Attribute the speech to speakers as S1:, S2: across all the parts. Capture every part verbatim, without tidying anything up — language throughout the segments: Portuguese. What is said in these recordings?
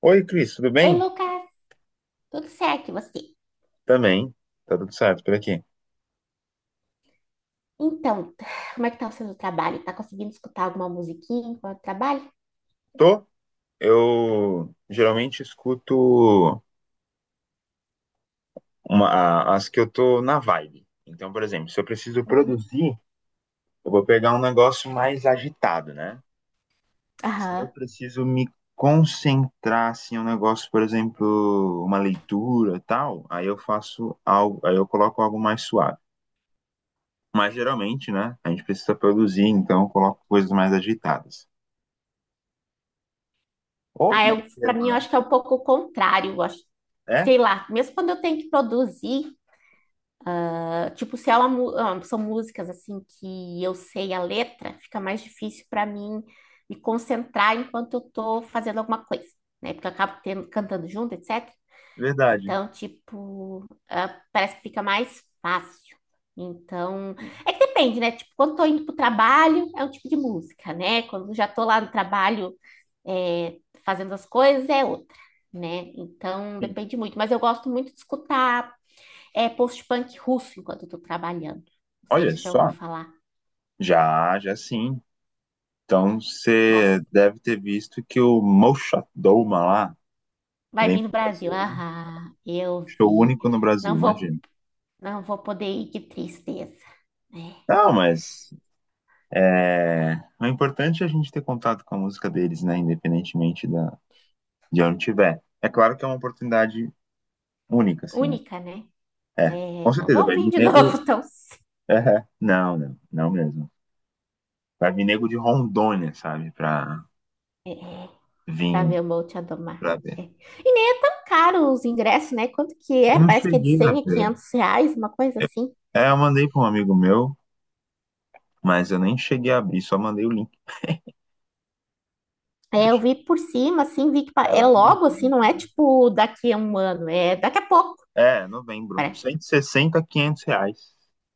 S1: Oi, Cris, tudo
S2: Oi,
S1: bem?
S2: Lucas, tudo certo e você?
S1: Também, tá tudo certo por aqui.
S2: Então, como é que tá sendo o seu trabalho? Tá conseguindo escutar alguma musiquinha enquanto trabalha?
S1: Tô, eu geralmente escuto uma- a- as que eu tô na vibe. Então, por exemplo, se eu preciso
S2: Uhum.
S1: produzir, eu vou pegar um negócio mais agitado, né? Se eu
S2: Aham.
S1: preciso me concentrar, assim, um negócio, por exemplo, uma leitura, tal, aí eu faço algo, aí eu coloco algo mais suave. Mas geralmente, né, a gente precisa produzir, então eu coloco coisas mais agitadas. Ou no
S2: Ah,
S1: meio
S2: eu, pra
S1: termo,
S2: mim, eu
S1: né?
S2: acho que é um pouco o contrário, eu acho.
S1: É,
S2: Sei lá, mesmo quando eu tenho que produzir, ah, tipo, se é uma mu- ah, são músicas assim que eu sei a letra, fica mais difícil para mim me concentrar enquanto eu tô fazendo alguma coisa, né? Porque eu acabo tendo- cantando junto, et cetera.
S1: verdade.
S2: Então, tipo, ah, parece que fica mais fácil. Então, é que depende, né? Tipo, quando tô indo pro trabalho, é um tipo de música, né? Quando já tô lá no trabalho, é, fazendo as coisas, é outra, né? Então,
S1: Sim.
S2: depende muito. Mas eu gosto muito de escutar, é, post-punk russo enquanto eu tô trabalhando. Não sei
S1: Olha
S2: se você já ouviu
S1: só,
S2: falar.
S1: já, já sim. Então você
S2: Gosto.
S1: deve ter visto que o Moshat Doma lá
S2: Vai
S1: vem
S2: vir
S1: pro
S2: no Brasil.
S1: Brasil, né?
S2: Ah, eu
S1: Show
S2: vi.
S1: único no Brasil,
S2: Não vou,
S1: imagina.
S2: não vou poder ir, que tristeza. É
S1: Não, mas é, o importante é a gente ter contato com a música deles, né? Independentemente da, de onde tiver. É claro que é uma oportunidade única, assim, né?
S2: única, né?
S1: É,
S2: É,
S1: com
S2: não
S1: certeza
S2: vão
S1: vai
S2: vir
S1: vir
S2: de
S1: nego.
S2: novo tão
S1: É, não, não, não mesmo. Vai vir nego de Rondônia, sabe? Pra vir
S2: para ver o Monte Adomar.
S1: pra ver.
S2: É. E nem é tão caro os ingressos, né? Quanto que é?
S1: Eu não
S2: Parece que é de
S1: cheguei a
S2: cem a
S1: ver.
S2: quinhentos reais, uma coisa assim.
S1: É, eu mandei para um amigo meu, mas eu nem cheguei a abrir, só mandei o link.
S2: É, eu
S1: Deixa eu...
S2: vi por cima, assim, vi que pa-
S1: É
S2: é
S1: lá em
S2: logo, assim,
S1: novembro.
S2: não é tipo daqui a um ano, é daqui a pouco.
S1: É, novembro.
S2: pare-
S1: Cento e sessenta a quinhentos reais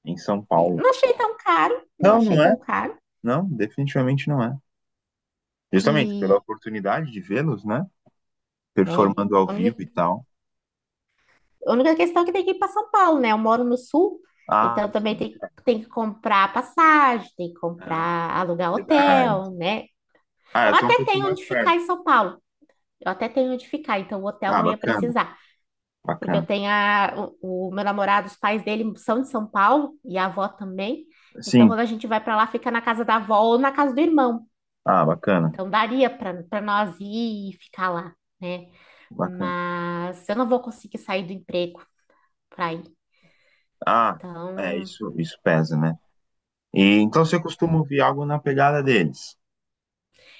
S1: em São
S2: é.
S1: Paulo.
S2: não achei tão caro, não
S1: Não,
S2: achei
S1: não é.
S2: tão caro.
S1: Não, definitivamente não é. Justamente pela
S2: E
S1: oportunidade de vê-los, né?
S2: é,
S1: Performando ao
S2: a
S1: vivo
S2: única,
S1: e tal.
S2: a única questão é que tem que ir para São Paulo, né? Eu moro no sul,
S1: Ah,
S2: então também
S1: sim.
S2: tem, tem que comprar passagem, tem que
S1: Ah,
S2: comprar, alugar
S1: verdade.
S2: hotel, né?
S1: Ah,
S2: Eu
S1: eu tô um
S2: até
S1: pouquinho
S2: tenho
S1: mais
S2: onde ficar
S1: perto.
S2: em São Paulo. Eu até tenho onde ficar, então o hotel
S1: Ah,
S2: não ia
S1: bacana,
S2: precisar. Porque eu
S1: bacana.
S2: tenho a, o, o meu namorado, os pais dele são de São Paulo e a avó também. Então,
S1: Sim.
S2: quando a gente vai para lá, fica na casa da avó ou na casa do irmão.
S1: Ah, bacana,
S2: Então, daria para para nós ir e ficar lá, né?
S1: bacana.
S2: Mas eu não vou conseguir sair do emprego para ir.
S1: Ah, é,
S2: Então,
S1: isso, isso pesa, né? E então
S2: é.
S1: você costuma ouvir algo na pegada deles.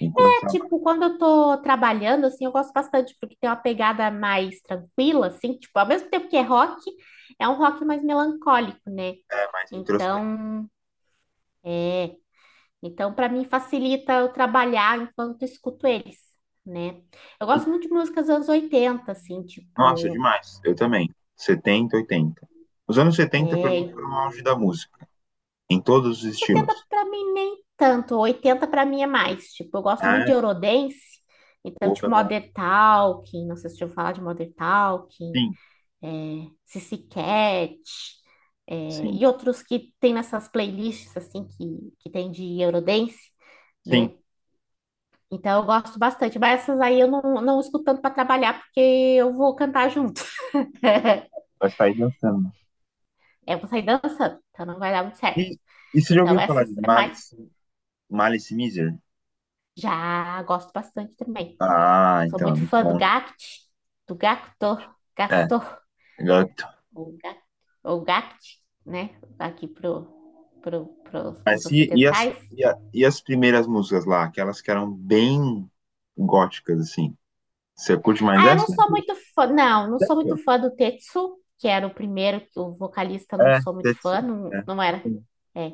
S1: Enquanto trabalha,
S2: Tipo, quando eu tô trabalhando, assim, eu gosto bastante, porque tem uma pegada mais tranquila, assim, tipo, ao mesmo tempo que é rock, é um rock mais melancólico, né?
S1: é mais introspectivo.
S2: Então, é, então para mim facilita eu trabalhar enquanto escuto eles, né? Eu gosto muito de músicas dos anos oitenta, assim,
S1: Nossa,
S2: tipo,
S1: demais. Eu também. Setenta, oitenta. Os anos setenta para mim
S2: é,
S1: foram o auge da música, em todos os
S2: setenta
S1: estilos.
S2: para mim nem tanto, oitenta para mim é mais, tipo, eu gosto muito
S1: Ah,
S2: de Eurodance, então,
S1: opa,
S2: tipo,
S1: é bom.
S2: Modern Talking, não sei se eu vou falar de Modern Talking,
S1: Sim,
S2: é, Cici Cat, é,
S1: sim,
S2: e outros que, tem nessas playlists, assim, que, que tem de Eurodance,
S1: sim.
S2: né? Então eu gosto bastante, mas essas aí eu não, não escuto tanto para trabalhar, porque eu vou cantar junto.
S1: Vai sair dançando.
S2: Eu vou sair dançando, então não vai dar muito certo.
S1: E, e você já
S2: Então
S1: ouviu falar
S2: essas
S1: de
S2: é mais.
S1: Malice, Malice Miser?
S2: Já gosto bastante também.
S1: Ah,
S2: Sou
S1: então é
S2: muito
S1: muito
S2: fã do
S1: bom, né?
S2: Gact, do Gacto,
S1: É,
S2: Gacto,
S1: agora eu tô-
S2: ou Gact, ou Gact, né? Aqui pro, pro, pros, pros
S1: Mas e, e as,
S2: ocidentais.
S1: e, a- e as primeiras músicas lá, aquelas que eram bem góticas, assim? Você curte mais
S2: Ah, eu não
S1: essa?
S2: sou muito fã, não, não sou
S1: Sério?
S2: muito fã do Tetsu, que era o primeiro, que o vocalista não
S1: É,
S2: sou muito fã,
S1: Tetsu.
S2: não,
S1: É.
S2: não era, é,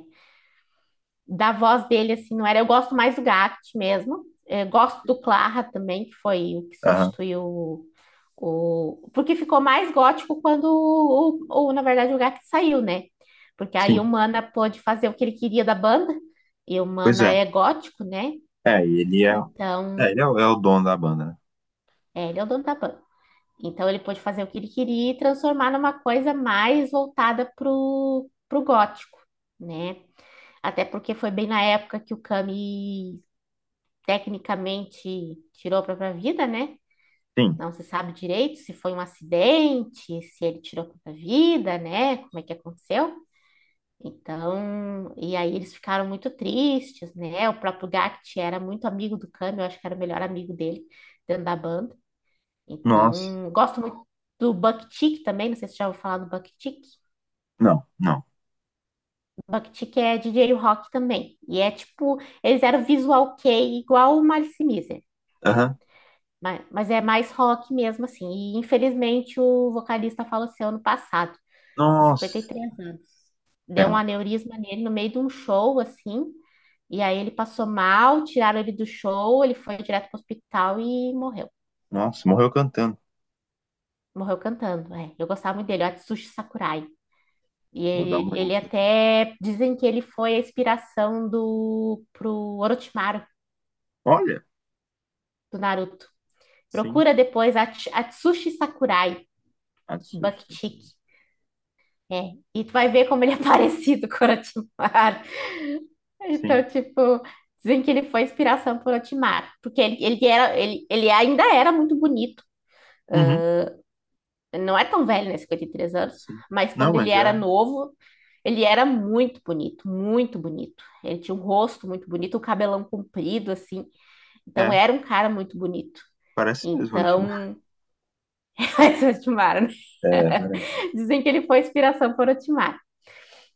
S2: da voz dele, assim, não era, eu gosto mais do Gact mesmo. É, gosto do Clara também, que foi o que
S1: Aham.
S2: substituiu o, o- porque ficou mais gótico quando, o, o- o, na verdade, o Gact saiu, né, porque aí
S1: Sim,
S2: o Mana pôde fazer o que ele queria da banda, e o
S1: pois
S2: Mana
S1: é.
S2: é gótico, né,
S1: É, e ele é,
S2: então,
S1: é, ele é, o é o dono da banda, né?
S2: é, ele é o dono da banda. Então ele pôde fazer o que ele queria e transformar numa coisa mais voltada pro, pro gótico, né? Até porque foi bem na época que o Camus tecnicamente tirou a própria vida, né?
S1: Sim.
S2: Não se sabe direito se foi um acidente, se ele tirou a própria vida, né? Como é que aconteceu? Então, e aí eles ficaram muito tristes, né? O próprio Gact era muito amigo do Camus, eu acho que era o melhor amigo dele dentro da banda.
S1: Nossa.
S2: Então, gosto muito do buck também, não sei se você já ouviu falar do Buck-Chick.
S1: Não, não.
S2: É chick é rock também. E é tipo, eles eram visual kei igual o Malice Mizer,
S1: Aham.
S2: mas, mas é mais rock mesmo assim. E infelizmente o vocalista faleceu ano passado, com cinquenta e
S1: Nossa.
S2: três anos. Deu um
S1: Pena.
S2: aneurisma nele no meio de um show assim, e aí ele passou mal, tiraram ele do show, ele foi direto para o hospital e morreu.
S1: Nossa, morreu cantando.
S2: Morreu cantando, é. Eu gostava muito dele, o Atsushi Sakurai. E
S1: Vou dar
S2: ele,
S1: uma olhada
S2: ele
S1: aqui.
S2: até dizem que ele foi a inspiração do pro Orochimaru
S1: Olha,
S2: do Naruto.
S1: sim.
S2: Procura depois Ats- Atsushi Sakurai,
S1: Atsushi.
S2: Buckchick. É, e tu vai ver como ele é parecido com o Orochimaru. Então,
S1: Sim.
S2: tipo, dizem que ele foi a inspiração pro Orochimaru, porque ele, ele era ele, ele ainda era muito bonito.
S1: Uhum,
S2: Ele não é tão velho, né? Cinquenta e três anos.
S1: sim.
S2: Mas
S1: Não,
S2: quando ele
S1: mas
S2: era
S1: é,
S2: novo, ele era muito bonito, muito bonito. Ele tinha um rosto muito bonito, um cabelão comprido, assim. Então,
S1: é.
S2: era um cara muito bonito.
S1: Parece mesmo, Orixima.
S2: Então, esse é o Otmar, né?
S1: É, parece.
S2: Dizem que ele foi inspiração por Otmar.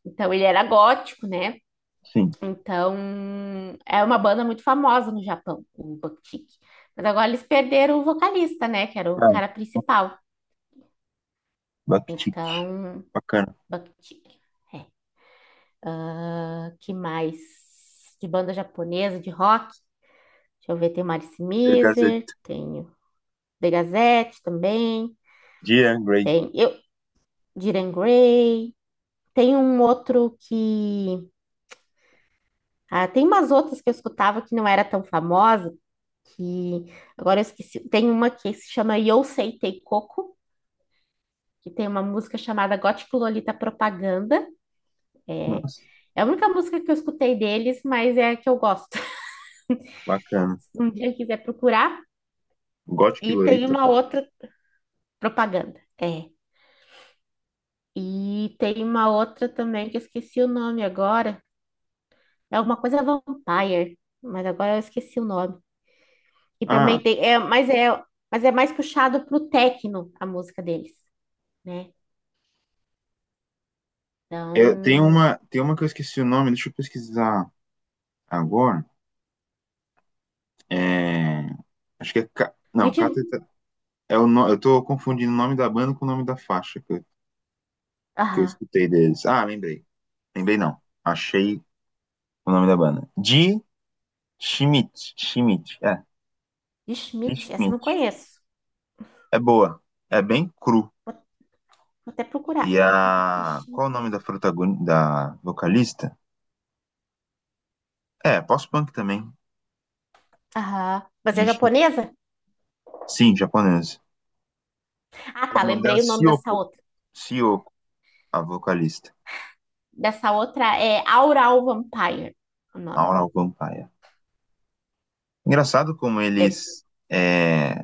S2: Então, ele era gótico, né?
S1: Sim.
S2: Então, é uma banda muito famosa no Japão, o Bucktick. Mas agora eles perderam o vocalista, né? Que era o cara
S1: É.
S2: principal.
S1: Bakhtik.
S2: Então,
S1: Bacana.
S2: Bucktick. É. Ah, que mais? De banda japonesa, de rock. Deixa eu ver, tem Marice
S1: Pegasia.
S2: Mizer, tenho The Gazette também,
S1: Dear Grey.
S2: tem eu, Diren Grey, tem um outro que... Ah, tem umas outras que eu escutava que não era tão famosa, que agora eu esqueci. Tem uma que se chama Yosei Teikoku, que tem uma música chamada Gótico Lolita Propaganda. É,
S1: Nossa,
S2: é a única música que eu escutei deles, mas é a que eu gosto.
S1: bacana.
S2: Um dia eu quiser procurar.
S1: Gothic
S2: E tem
S1: Lolita,
S2: uma
S1: pô.
S2: outra Propaganda, é. E tem uma outra também que eu esqueci o nome agora. É alguma coisa Vampire, mas agora eu esqueci o nome. E também
S1: Ah,
S2: tem, é, mas é, mas é mais puxado pro techno a música deles, né?
S1: eu, tem
S2: Então,
S1: uma, tem uma que eu esqueci o nome, deixa eu pesquisar agora. É, acho que é. Ca- Não,
S2: Ritmo,
S1: Cateta. É o no... Eu tô confundindo o nome da banda com o nome da faixa que eu, que eu
S2: aham,
S1: escutei deles. Ah, lembrei. Lembrei não. Achei o nome da banda. De Schmidt. Schmidt. É,
S2: de
S1: de
S2: Schmidt, essa eu não
S1: Schmidt.
S2: conheço.
S1: É boa. É bem cru.
S2: Vou até
S1: E
S2: procurar.
S1: a.
S2: De
S1: Qual
S2: Schmidt.
S1: é o nome da protagonista, da vocalista? É, pós-punk também.
S2: Aham. Mas é
S1: De... Schmidt.
S2: japonesa?
S1: Sim, japonesa.
S2: Ah, tá,
S1: O nome dela é
S2: lembrei o nome dessa
S1: Sioko.
S2: outra.
S1: Sioko, a vocalista.
S2: Dessa outra é Aural Vampire, o nome.
S1: Aural Vampire. Engraçado como
S2: É.
S1: eles. é,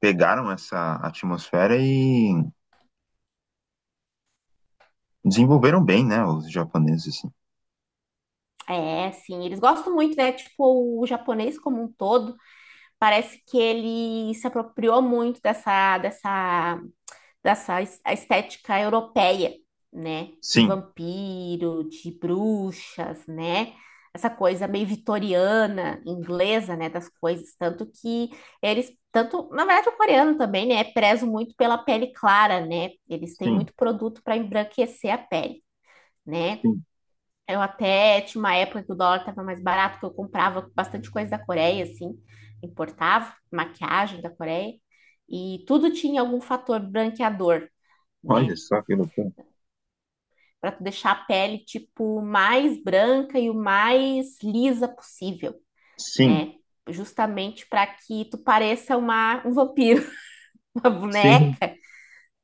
S1: pegaram essa atmosfera e desenvolveram bem, né, os japoneses, assim.
S2: É, sim, eles gostam muito, né? Tipo, o japonês como um todo, parece que ele se apropriou muito dessa, dessa, dessa es- a estética europeia, né? De
S1: Sim,
S2: vampiro, de bruxas, né? Essa coisa meio vitoriana, inglesa, né? Das coisas. Tanto que eles, tanto, na verdade, o coreano também, né? Prezo muito pela pele clara, né? Eles têm
S1: sim,
S2: muito produto para embranquecer a pele, né?
S1: sim.
S2: Eu até tinha uma época que o dólar estava mais barato, que eu comprava bastante coisa da Coreia, assim, importava maquiagem da Coreia, e tudo tinha algum fator branqueador, né?
S1: Olha só que loucura.
S2: Para tu deixar a pele, tipo, mais branca e o mais lisa possível,
S1: Sim,
S2: né? Justamente para que tu pareça uma, um vampiro, uma
S1: sim.
S2: boneca,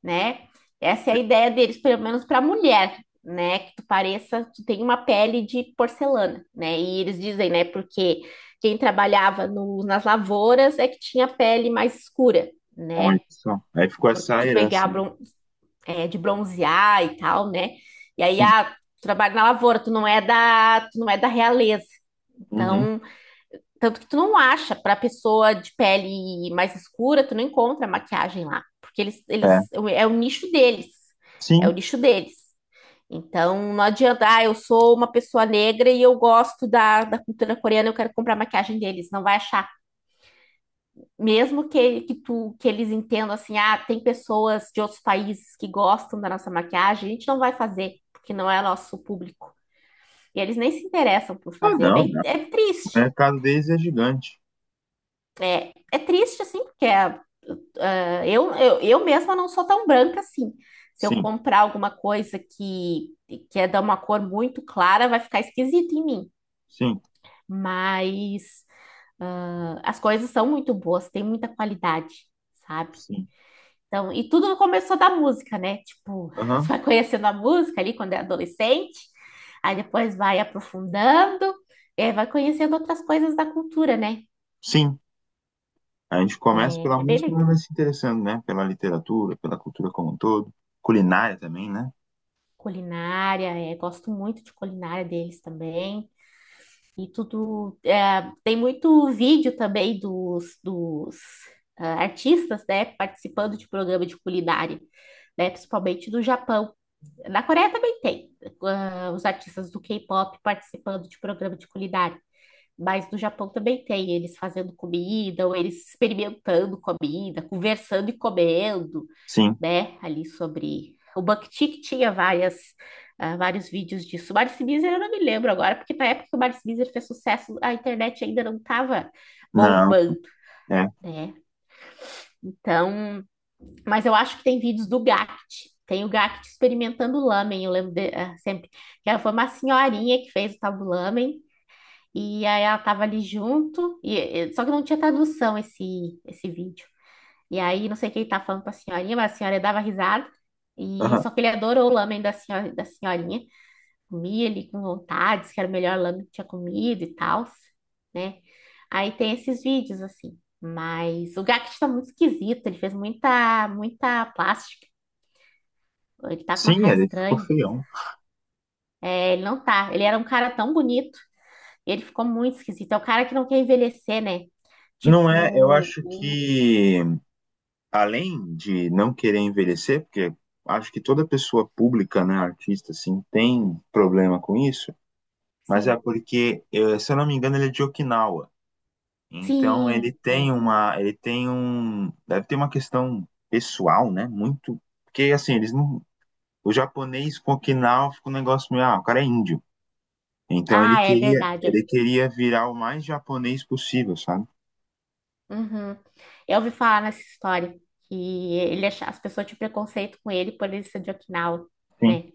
S2: né? Essa é a ideia deles, pelo menos para a mulher, né? Que tu pareça, tu tem uma pele de porcelana, né? E eles dizem, né? Porque quem trabalhava no- nas lavouras é que tinha pele mais escura,
S1: Olha
S2: né?
S1: só. Aí ficou
S2: Por-
S1: essa
S2: De pegar,
S1: herança, né?
S2: bron- é, de bronzear e tal, né? E aí,
S1: Sim.
S2: ah, tu trabalha na lavoura, tu não é da, tu não é da realeza.
S1: Uhum.
S2: Então, tanto que tu não acha, pra pessoa de pele mais escura, tu não encontra maquiagem lá. Porque eles,
S1: É.
S2: eles, é o nicho deles. É
S1: Sim.
S2: o nicho deles. Então, não adianta, ah, eu sou uma pessoa negra e eu gosto da, da cultura coreana, eu quero comprar maquiagem deles. Não vai achar. Mesmo que, que, tu, que eles entendam assim, ah, tem pessoas de outros países que gostam da nossa maquiagem, a gente não vai fazer, porque não é nosso público. E eles nem se interessam por
S1: Ah,
S2: fazer. É
S1: não,
S2: bem,
S1: não.
S2: é
S1: O
S2: triste.
S1: mercado deles é gigante.
S2: É, é triste, assim, porque é, Ah, eu, eu, eu mesma não sou tão branca assim. Se eu
S1: Sim,
S2: comprar alguma coisa que, que é de uma cor muito clara, vai ficar esquisito em mim.
S1: sim,
S2: Mas ah, as coisas são muito boas, tem muita qualidade, sabe?
S1: sim.
S2: Então, e tudo começou da música, né? Tipo, você
S1: Aham.
S2: vai conhecendo a música ali quando é adolescente, aí depois vai aprofundando, e aí vai conhecendo outras coisas da cultura, né?
S1: Sim. A gente começa pela
S2: É, é bem
S1: música, mas vai
S2: legal.
S1: se interessando, né? Pela literatura, pela cultura como um todo. Culinária também, né?
S2: Culinária, é, gosto muito de culinária deles também. E tudo. É, tem muito vídeo também dos, dos ah, artistas, né, participando de programa de culinária, né, principalmente do Japão. Na Coreia também tem, ah, os artistas do K-pop participando de programa de culinária. Mas no Japão também tem, eles fazendo comida, ou eles experimentando comida, conversando e comendo,
S1: Sim.
S2: né, ali sobre... O BuckTik tinha várias, ah, vários vídeos disso. O Marcio Bizer eu não me lembro agora, porque na época que o Marcio Bizer fez sucesso, a internet ainda não estava
S1: Não.
S2: bombando,
S1: É.
S2: né? Então, mas eu acho que tem vídeos do Gact. Tem o Gact experimentando lamen, eu lembro de- ah, sempre. Que ela foi uma senhorinha que fez o tal do lamen, e aí ela estava ali junto, e- só que não tinha tradução esse, esse vídeo. E aí, não sei quem tá falando pra senhorinha, mas a senhora dava risada. E
S1: Aham.
S2: só que ele adorou o lamen da senhora, da senhorinha. Comia ele com vontade, disse que era o melhor lamen que tinha comido e tal, né? Aí tem esses vídeos assim. Mas o Gackt tá muito esquisito, ele fez muita, muita plástica. Ele tá com uma
S1: Sim,
S2: cara
S1: ele ficou
S2: estranha.
S1: feião.
S2: É, ele não tá. Ele era um cara tão bonito, ele ficou muito esquisito. É o cara que não quer envelhecer, né?
S1: Não é, eu
S2: Tipo,
S1: acho
S2: o...
S1: que além de não querer envelhecer, porque acho que toda pessoa pública, né, artista assim, tem problema com isso, mas é
S2: sim.
S1: porque, eh, se eu não me engano, ele é de Okinawa. Então
S2: Sim,
S1: ele tem
S2: é.
S1: uma, ele tem um, deve ter uma questão pessoal, né, muito, porque assim, eles não, o japonês com Okinawa fica um negócio meio, ah, o cara é índio. Então ele
S2: Ah, é
S1: queria,
S2: verdade.
S1: ele queria virar o mais japonês possível, sabe?
S2: Uhum. Eu ouvi falar nessa história que ele acha- as pessoas tinham preconceito com ele por ele ser de Okinawa,
S1: Sim,
S2: né?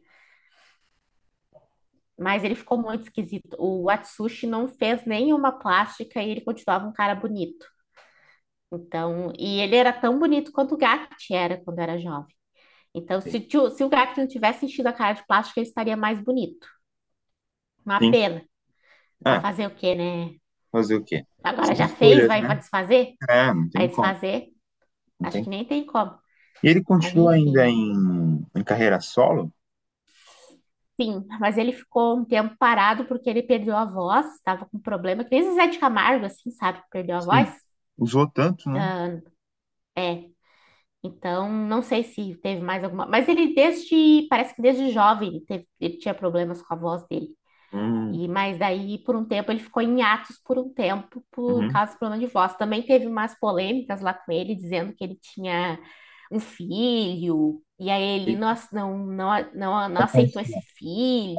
S2: Mas ele ficou muito esquisito. O Atsushi não fez nenhuma plástica e ele continuava um cara bonito. Então, e ele era tão bonito quanto o Gakt era quando era jovem. Então,
S1: sim,
S2: se, tio- se o Gakt não tivesse enchido a cara de plástica, ele estaria mais bonito. Uma
S1: sim.
S2: pena. Mas
S1: É,
S2: fazer o quê, né?
S1: Fazer o quê?
S2: Agora
S1: São
S2: já fez,
S1: escolhas,
S2: vai, vai
S1: né?
S2: desfazer?
S1: É, não
S2: Vai
S1: tem como,
S2: desfazer?
S1: não
S2: Acho
S1: tem.
S2: que nem tem como.
S1: E ele
S2: Mas
S1: continua
S2: enfim,
S1: ainda
S2: né?
S1: em, em carreira solo?
S2: Sim, mas ele ficou um tempo parado porque ele perdeu a voz, estava com problema, que nem Zezé de Camargo, assim, sabe, que perdeu a voz.
S1: Sim. Usou tanto, né?
S2: É, então não sei se teve mais alguma, mas ele desde, parece que desde jovem ele teve, ele tinha problemas com a voz dele.
S1: Hum,
S2: E mas daí por um tempo ele ficou em hiatus por um tempo por
S1: uhum.
S2: causa do problema de voz. Também teve umas polêmicas lá com ele dizendo que ele tinha um filho e aí ele não,
S1: Eita,
S2: ace- não, não, não, não
S1: vai
S2: aceitou
S1: conhecer,
S2: esse
S1: né?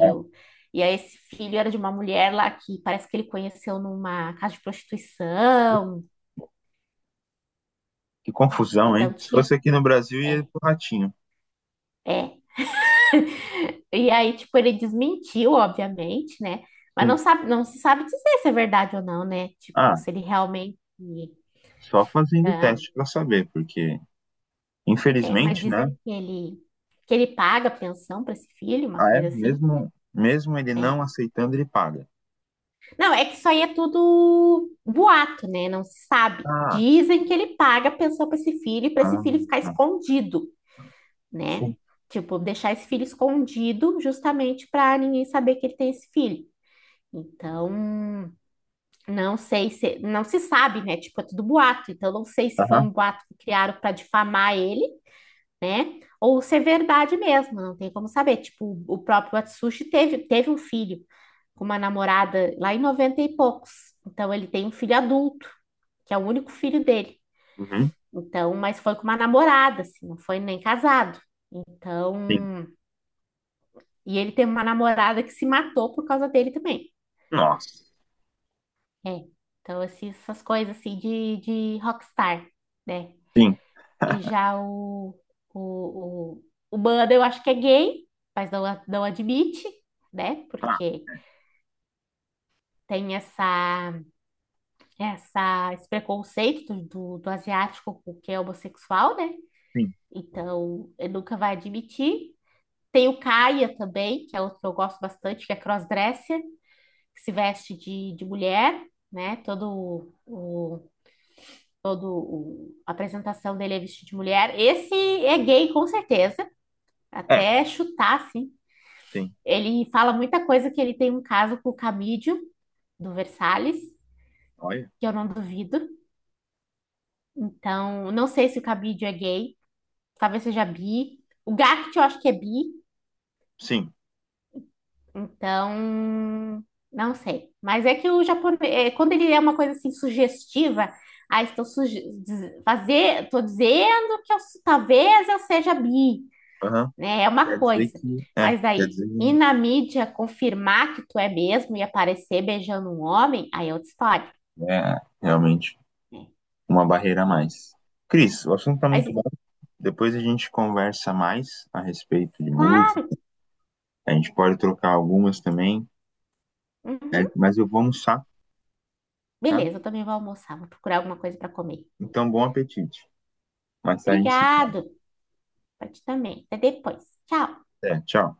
S1: É,
S2: E aí esse filho era de uma mulher lá que parece que ele conheceu numa casa de prostituição.
S1: que confusão,
S2: Então
S1: hein? Se
S2: tinha
S1: fosse aqui no Brasil, ia
S2: é,
S1: pro Ratinho.
S2: é. E aí tipo ele desmentiu, obviamente, né? Mas não
S1: Sim.
S2: sabe, não se sabe dizer se é verdade ou não, né? Tipo,
S1: Ah,
S2: se ele realmente
S1: só fazendo
S2: ah,
S1: teste para saber, porque
S2: mas
S1: infelizmente, né?
S2: dizem que ele, que ele paga pensão para esse filho, uma
S1: Ah, é?
S2: coisa assim.
S1: Mesmo, mesmo ele
S2: É.
S1: não aceitando, ele paga.
S2: Não, é que isso aí é tudo boato, né? Não se sabe.
S1: Ah, sim.
S2: Dizem que ele paga pensão para esse filho e para esse
S1: Ah,
S2: filho ficar
S1: ah,
S2: escondido, né?
S1: sim.
S2: Tipo, deixar esse filho escondido justamente para ninguém saber que ele tem esse filho. Então, não sei se, não se sabe, né? Tipo, é tudo boato. Então, não sei se foi
S1: Aham.
S2: um boato que criaram para difamar ele, né? Ou ser verdade mesmo, não tem como saber. Tipo, o próprio Atsushi teve, teve um filho com uma namorada lá em noventa e poucos. Então, ele tem um filho adulto, que é o único filho dele.
S1: Uhum.
S2: Então, mas foi com uma namorada, assim, não foi nem casado.
S1: Sim.
S2: Então, e ele teve uma namorada que se matou por causa dele também.
S1: Nossa.
S2: É. Então, assim, essas coisas assim de, de rockstar, né?
S1: Sim.
S2: E já o, o, o, o Banda, eu acho que é gay, mas não, a- não admite, né?
S1: Ah,
S2: Porque tem essa, essa, esse preconceito do, do, do asiático com o que é homossexual, né?
S1: sim.
S2: Então, ele nunca vai admitir. Tem o Kaia também, que é outro que eu gosto bastante, que é crossdresser, que se veste de, de mulher, né? Todo o, todo o- a apresentação dele é vestido de mulher. Esse é gay, com certeza.
S1: É,
S2: Até chutar, assim,
S1: sim.
S2: ele fala muita coisa que ele tem um caso com o Camídio, do Versalhes,
S1: Olha,
S2: que eu não duvido. Então, não sei se o Camídio é gay, talvez seja bi. O Gact eu acho que é bi,
S1: sim.
S2: então não sei. Mas é que o japonês, é, quando ele é uma coisa assim sugestiva, ah, estou suge diz- fazer, estou dizendo que eu su- talvez eu seja bi,
S1: Aham.
S2: né? É
S1: Quer
S2: uma
S1: dizer
S2: coisa.
S1: que. É,
S2: Mas
S1: quer
S2: daí
S1: dizer
S2: ir
S1: que
S2: na mídia confirmar que tu é mesmo e aparecer beijando um homem, aí é outra história.
S1: é realmente
S2: É,
S1: uma barreira a
S2: é.
S1: mais. Cris, o assunto tá
S2: Mas,
S1: muito bom. Depois a gente conversa mais a respeito de música.
S2: claro.
S1: A gente pode trocar algumas também, né?
S2: Uhum.
S1: Mas eu vou almoçar, tá?
S2: Beleza, eu também vou almoçar. Vou procurar alguma coisa para comer.
S1: Então, bom apetite. Mais tarde a gente se fala.
S2: Obrigado. Pra ti também. Até depois. Tchau.
S1: Até, tchau.